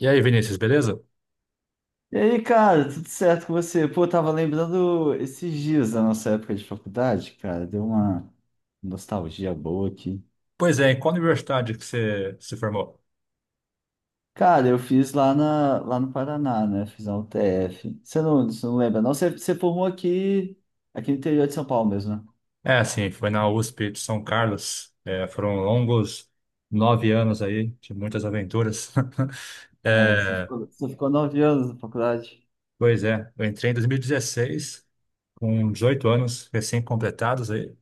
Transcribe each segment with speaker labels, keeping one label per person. Speaker 1: E aí, Vinícius, beleza?
Speaker 2: E aí, cara, tudo certo com você? Pô, eu tava lembrando esses dias da nossa época de faculdade, cara, deu uma nostalgia boa aqui.
Speaker 1: Pois é, em qual universidade que você se formou?
Speaker 2: Cara, eu fiz lá, lá no Paraná, né? Fiz a UTF. Você não lembra, não? Você formou aqui, aqui no interior de São Paulo mesmo, né?
Speaker 1: É, sim, foi na USP de São Carlos. É, foram longos 9 anos aí, de muitas aventuras.
Speaker 2: Ah, é, você
Speaker 1: É,
Speaker 2: ficou, você ficou 9 anos na faculdade?
Speaker 1: pois é, eu entrei em 2016, com 18 anos recém-completados aí.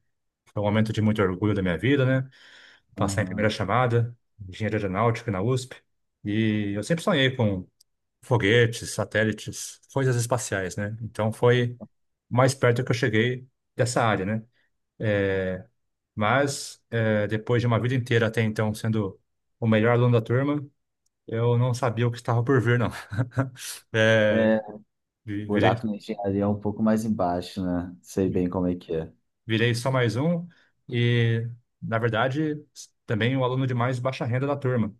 Speaker 1: Foi um momento de muito orgulho da minha vida, né? Passar em primeira
Speaker 2: Aham.
Speaker 1: chamada, engenharia aeronáutica na USP. E eu sempre sonhei com foguetes, satélites, coisas espaciais, né? Então foi o mais perto que eu cheguei dessa área, né? Mas depois de uma vida inteira até então sendo o melhor aluno da turma, eu não sabia o que estava por vir, não. Eh,
Speaker 2: É,
Speaker 1: vi- virei,
Speaker 2: buraco na engenharia é um pouco mais embaixo, né? Sei bem como é que é.
Speaker 1: virei só mais um e, na verdade, também o aluno de mais baixa renda da turma.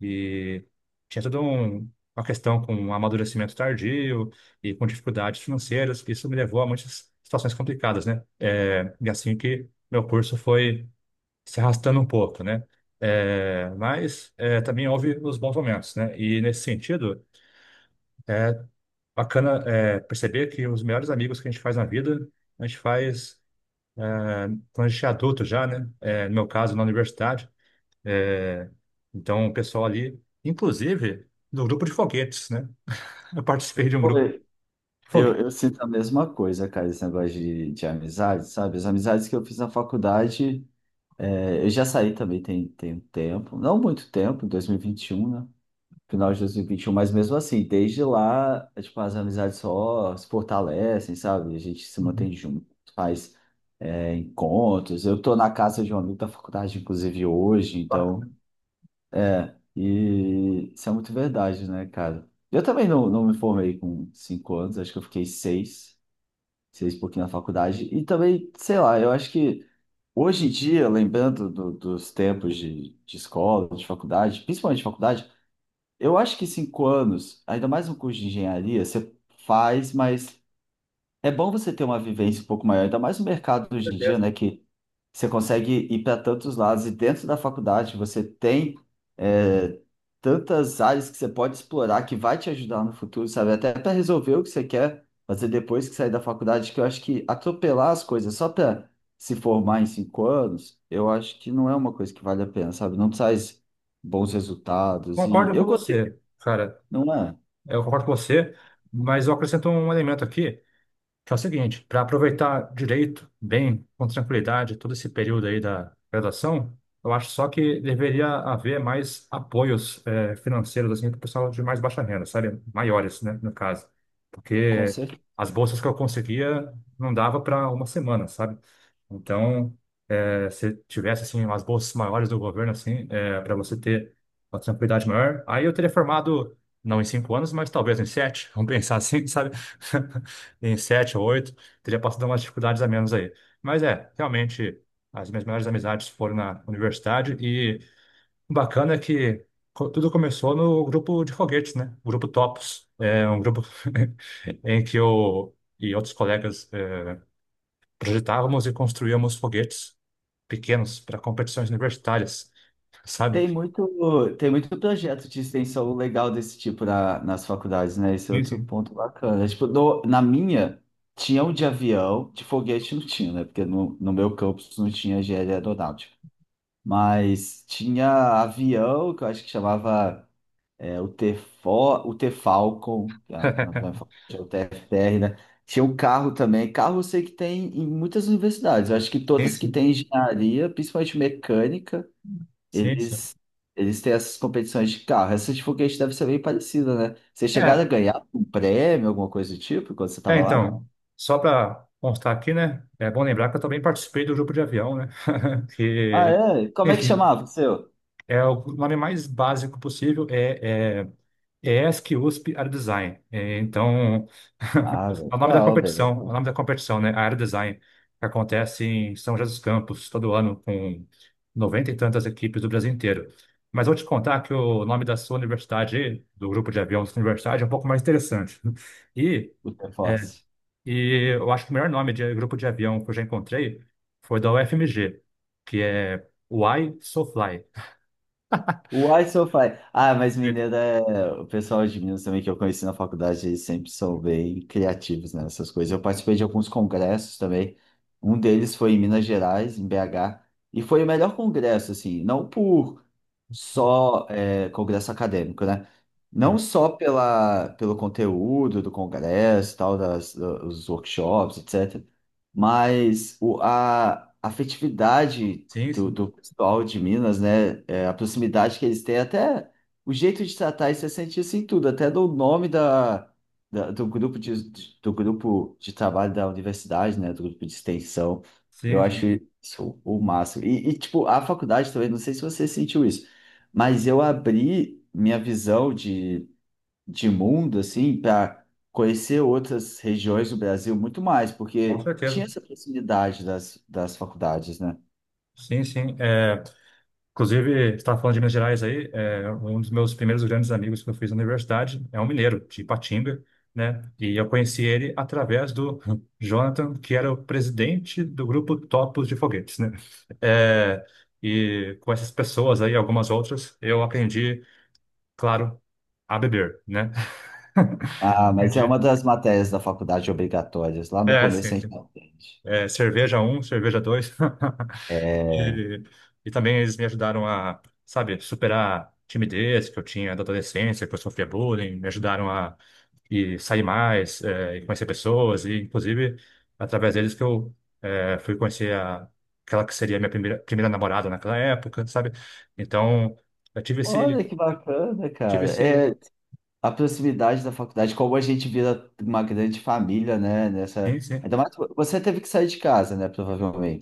Speaker 1: E tinha toda uma questão com amadurecimento tardio e com dificuldades financeiras, que isso me levou a muitas situações complicadas, né? É, e assim que meu curso foi se arrastando um pouco, né? É, mas é, também houve os bons momentos, né? E nesse sentido, bacana é, perceber que os melhores amigos que a gente faz na vida, a gente faz é, quando a gente é adulto já, né? É, no meu caso, na universidade. É, então, o pessoal ali, inclusive, do grupo de foguetes, né? Eu participei de um
Speaker 2: Pô,
Speaker 1: grupo de
Speaker 2: Eu,
Speaker 1: foguetes.
Speaker 2: eu sinto a mesma coisa, cara, esse negócio de amizade, sabe? As amizades que eu fiz na faculdade, eu já saí também tem, tem um tempo, não muito tempo, em 2021, né? Final de 2021, mas mesmo assim, desde lá, é, tipo, as amizades só se fortalecem, sabe? A gente se mantém
Speaker 1: Uhum.
Speaker 2: junto, faz, é, encontros. Eu tô na casa de um amigo da faculdade, inclusive, hoje,
Speaker 1: Ah,
Speaker 2: então,
Speaker 1: com
Speaker 2: e isso é muito verdade, né, cara? Eu também não, não me formei com 5 anos, acho que eu fiquei seis e pouquinho na faculdade. E também, sei lá, eu acho que hoje em dia, lembrando dos tempos de escola, de faculdade, principalmente de faculdade, eu acho que cinco anos, ainda mais um curso de engenharia, você faz, mas é bom você ter uma vivência um pouco maior, ainda mais no mercado hoje em dia,
Speaker 1: certeza.
Speaker 2: né? Que você consegue ir para tantos lados e dentro da faculdade você tem é, tantas áreas que você pode explorar que vai te ajudar no futuro, sabe? Até para resolver o que você quer fazer depois que sair da faculdade, que eu acho que atropelar as coisas só para se formar em 5 anos, eu acho que não é uma coisa que vale a pena, sabe? Não traz bons resultados e
Speaker 1: Concordo
Speaker 2: eu
Speaker 1: com
Speaker 2: gostei,
Speaker 1: você, cara.
Speaker 2: não é?
Speaker 1: Eu concordo com você, mas eu acrescento um elemento aqui, que é o seguinte, para aproveitar direito, bem, com tranquilidade, todo esse período aí da graduação, eu acho só que deveria haver mais apoios financeiros assim, para o pessoal de mais baixa renda, sabe? Maiores, né, no caso.
Speaker 2: Com
Speaker 1: Porque as bolsas que eu conseguia não dava para uma semana, sabe? Então, se tivesse assim, umas bolsas maiores do governo, assim, para você ter uma tranquilidade maior, aí eu teria formado, não em 5 anos, mas talvez em 7, vamos pensar assim, sabe? Em 7 ou 8, teria passado umas dificuldades a menos aí. Mas é, realmente, as minhas melhores amizades foram na universidade e o bacana é que tudo começou no grupo de foguetes, né? O grupo Topos. É um grupo em que eu e outros colegas projetávamos e construíamos foguetes pequenos para competições universitárias, sabe?
Speaker 2: tem muito, tem muito projeto de extensão legal desse tipo nas faculdades, né? Esse é
Speaker 1: Sim,
Speaker 2: outro
Speaker 1: sim.
Speaker 2: ponto bacana. Tipo, na minha, tinha um de avião, de foguete não tinha, né? Porque no meu campus não tinha engenharia aeronáutica. Mas tinha avião, que eu acho que chamava o T-Fo, o T-Falcon, que é a- não vai falar, tinha o TFR, né? Tinha um carro também. Carro eu sei que tem em muitas universidades. Eu acho que
Speaker 1: Sim,
Speaker 2: todas que
Speaker 1: sim.
Speaker 2: têm engenharia, principalmente mecânica,
Speaker 1: Sim, sim.
Speaker 2: eles, eles têm essas competições de carro. Essa de foguete deve ser bem parecida, né? Vocês chegaram a
Speaker 1: É,
Speaker 2: ganhar um prêmio, alguma coisa do tipo, quando você
Speaker 1: é,
Speaker 2: estava lá?
Speaker 1: então, só para constar aqui, né? É bom lembrar que eu também participei do grupo de avião, né?
Speaker 2: Ah,
Speaker 1: Que,
Speaker 2: é? Como é que
Speaker 1: enfim,
Speaker 2: chamava o seu?
Speaker 1: é o nome mais básico possível é ESC USP Aero Design. É, então,
Speaker 2: Ah,
Speaker 1: é o nome da
Speaker 2: legal, velho.
Speaker 1: competição, é o
Speaker 2: Legal.
Speaker 1: nome da competição, né? Aero Design, que acontece em São José dos Campos todo ano com noventa e tantas equipes do Brasil inteiro. Mas vou te contar que o nome da sua universidade, aí, do grupo de aviões da sua universidade, é um pouco mais interessante. E
Speaker 2: O
Speaker 1: é,
Speaker 2: Force.
Speaker 1: e eu acho que o melhor nome de grupo de avião que eu já encontrei foi da UFMG, que é Why So Fly.
Speaker 2: Why so fine? Ah, mas mineiro é... O pessoal de Minas também que eu conheci na faculdade, eles sempre são bem criativos né, nessas coisas. Eu participei de alguns congressos também. Um deles foi em Minas Gerais, em BH. E foi o melhor congresso, assim, não por congresso acadêmico, né?
Speaker 1: Uhum.
Speaker 2: Não só pela, pelo conteúdo do congresso, tal, das, dos workshops, etc. Mas o, a afetividade
Speaker 1: Sim,
Speaker 2: do,
Speaker 1: sim,
Speaker 2: do pessoal de Minas, né? É, a proximidade que eles têm, até o jeito de tratar, e você sente isso em tudo, até do nome da, do grupo de, do grupo de trabalho da universidade, né? Do grupo de extensão. Eu
Speaker 1: sim,
Speaker 2: acho
Speaker 1: sim.
Speaker 2: isso o máximo. E, tipo, a faculdade também, não sei se você sentiu isso, mas eu abri minha visão de mundo, assim, para conhecer outras regiões do Brasil muito mais,
Speaker 1: Com
Speaker 2: porque
Speaker 1: certeza.
Speaker 2: tinha essa proximidade das, das faculdades, né?
Speaker 1: Sim, sim. É, inclusive, você estava falando de Minas Gerais aí, é, um dos meus primeiros grandes amigos que eu fiz na universidade é um mineiro, de Ipatinga, né? E eu conheci ele através do Jonathan, que era o presidente do grupo Topos de Foguetes, né? É, e com essas pessoas aí, algumas outras, eu aprendi claro, a beber, né?
Speaker 2: Ah, mas é uma
Speaker 1: Entendi.
Speaker 2: das matérias da faculdade obrigatórias. Lá no
Speaker 1: É,
Speaker 2: começo
Speaker 1: sim,
Speaker 2: a gente
Speaker 1: sim.
Speaker 2: não aprende.
Speaker 1: É, cerveja um, cerveja 2.
Speaker 2: É...
Speaker 1: E, e também eles me ajudaram a, sabe, superar a timidez que eu tinha da adolescência, que eu sofria bullying, me ajudaram a e sair mais, é, e conhecer pessoas, e inclusive através deles que eu é, fui conhecer a, aquela que seria a minha primeira namorada naquela época, sabe? Então, eu tive
Speaker 2: Olha
Speaker 1: esse,
Speaker 2: que bacana,
Speaker 1: tive
Speaker 2: cara.
Speaker 1: esse,
Speaker 2: É a proximidade da faculdade, como a gente vira uma grande família, né? Nessa...
Speaker 1: sim, sim,
Speaker 2: Ainda mais você teve que sair de casa, né?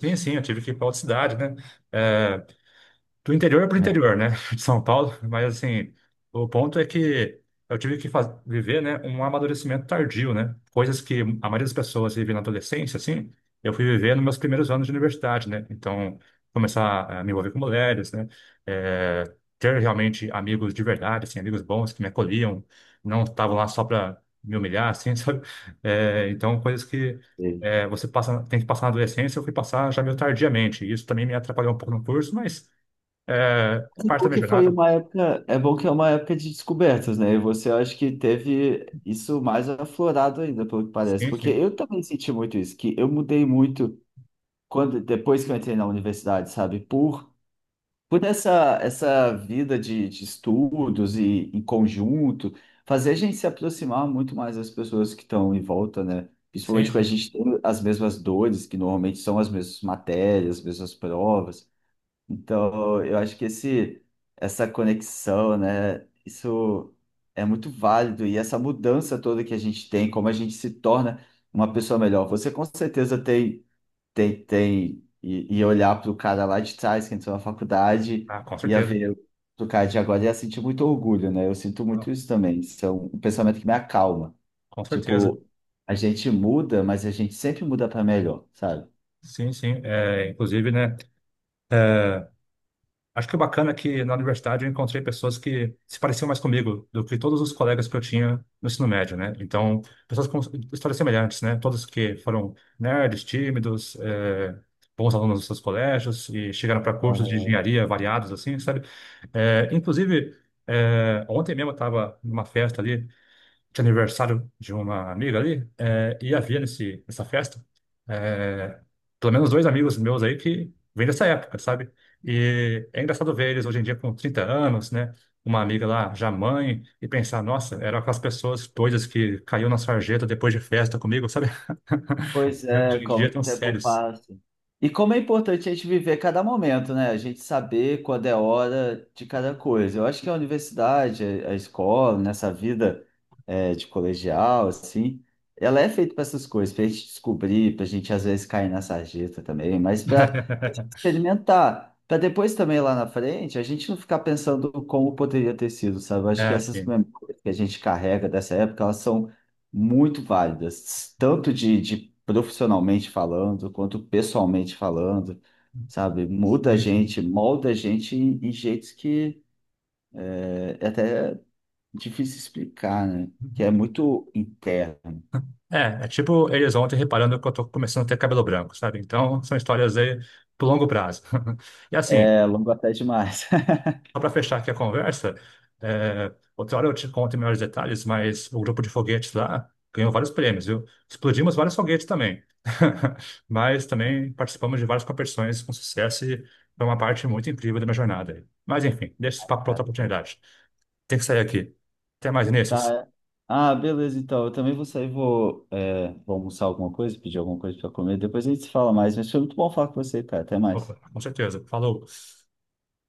Speaker 1: sim, sim, eu tive que ir para outra cidade, né? É, do interior para o
Speaker 2: É.
Speaker 1: interior, né, de São Paulo, mas assim, o ponto é que eu tive que viver, né, um amadurecimento tardio, né, coisas que a maioria das pessoas vive na adolescência, assim, eu fui viver nos meus primeiros anos de universidade, né, então começar a me envolver com mulheres, né, eh, ter realmente amigos de verdade, assim, amigos bons que me acolhiam, não estavam lá só para me humilhar, assim, sabe. Então coisas que
Speaker 2: Teve.
Speaker 1: você passa, tem que passar na adolescência, eu fui passar já meio tardiamente, e isso também me atrapalhou um pouco no curso, mas é, é
Speaker 2: Mas é
Speaker 1: parte da
Speaker 2: bom
Speaker 1: minha
Speaker 2: que foi
Speaker 1: jornada.
Speaker 2: uma época, é bom que é uma época de descobertas, né? E você acho que teve isso mais aflorado ainda, pelo que parece,
Speaker 1: Sim,
Speaker 2: porque
Speaker 1: sim.
Speaker 2: eu também senti muito isso, que eu mudei muito quando depois que eu entrei na universidade, sabe? Por essa, essa vida de estudos e em conjunto, fazer a gente se aproximar muito mais das pessoas que estão em volta, né? Principalmente
Speaker 1: Sim,
Speaker 2: quando a
Speaker 1: sim.
Speaker 2: gente tem as mesmas dores, que normalmente são as mesmas matérias, as mesmas provas. Então, eu acho que esse, essa conexão, né? Isso é muito válido e essa mudança toda que a gente tem, como a gente se torna uma pessoa melhor. Você com certeza tem tentei e olhar pro cara lá de trás que entrou na faculdade,
Speaker 1: Ah, com
Speaker 2: ia
Speaker 1: certeza.
Speaker 2: ver pro cara de agora, ia sentir muito orgulho, né? Eu sinto
Speaker 1: Ah,
Speaker 2: muito isso também. Isso é um pensamento que me acalma.
Speaker 1: com certeza.
Speaker 2: Tipo, a gente muda, mas a gente sempre muda para melhor, sabe?
Speaker 1: Sim, sim. É, inclusive, né? É, acho que o bacana é que na universidade eu encontrei pessoas que se pareciam mais comigo do que todos os colegas que eu tinha no ensino médio, né? Então, pessoas com histórias semelhantes, né? Todos que foram nerds, tímidos, é, bons alunos dos seus colégios e chegaram para cursos de engenharia variados, assim, sabe? É, inclusive, é, ontem mesmo eu estava numa festa ali de aniversário de uma amiga ali, é, e havia nessa festa, é, pelo menos dois amigos meus aí que vêm dessa época, sabe? E é engraçado ver eles hoje em dia com 30 anos, né? Uma amiga lá já mãe, e pensar, nossa, eram aquelas pessoas doidas que caiu na sarjeta depois de festa comigo, sabe?
Speaker 2: Pois
Speaker 1: E
Speaker 2: é,
Speaker 1: hoje em
Speaker 2: como
Speaker 1: dia
Speaker 2: que o
Speaker 1: tão
Speaker 2: tempo
Speaker 1: sérios.
Speaker 2: passa. E como é importante a gente viver cada momento, né? A gente saber quando é hora de cada coisa. Eu acho que a universidade, a escola, nessa vida de colegial, assim, ela é feita para essas coisas, para a gente descobrir, para a gente às vezes cair na sarjeta também, mas para experimentar, para depois também lá na frente a gente não ficar pensando como poderia ter sido, sabe? Eu acho que
Speaker 1: É,
Speaker 2: essas memórias que a gente carrega dessa época, elas são muito válidas, tanto de profissionalmente falando, quanto pessoalmente falando, sabe? Muda a
Speaker 1: sim.
Speaker 2: gente, molda a gente em, em jeitos que é até difícil explicar, né? Que é muito interno.
Speaker 1: É, é tipo eles ontem reparando que eu tô começando a ter cabelo branco, sabe? Então, são histórias aí pro longo prazo. E assim,
Speaker 2: É longo até demais.
Speaker 1: só para fechar aqui a conversa, é, outra hora eu te conto em melhores detalhes, mas o grupo de foguetes lá ganhou vários prêmios, viu? Explodimos vários foguetes também. Mas também participamos de várias competições com sucesso e foi uma parte muito incrível da minha jornada aí. Mas enfim, deixa esse papo para outra oportunidade. Tem que sair aqui. Até mais,
Speaker 2: Tá.
Speaker 1: Vinícius.
Speaker 2: É. Ah, beleza, então. Eu também vou sair, vou, é, vou almoçar alguma coisa, pedir alguma coisa para comer. Depois a gente se fala mais. Mas foi muito bom falar com você, cara. Até
Speaker 1: Opa,
Speaker 2: mais.
Speaker 1: com certeza. Falou.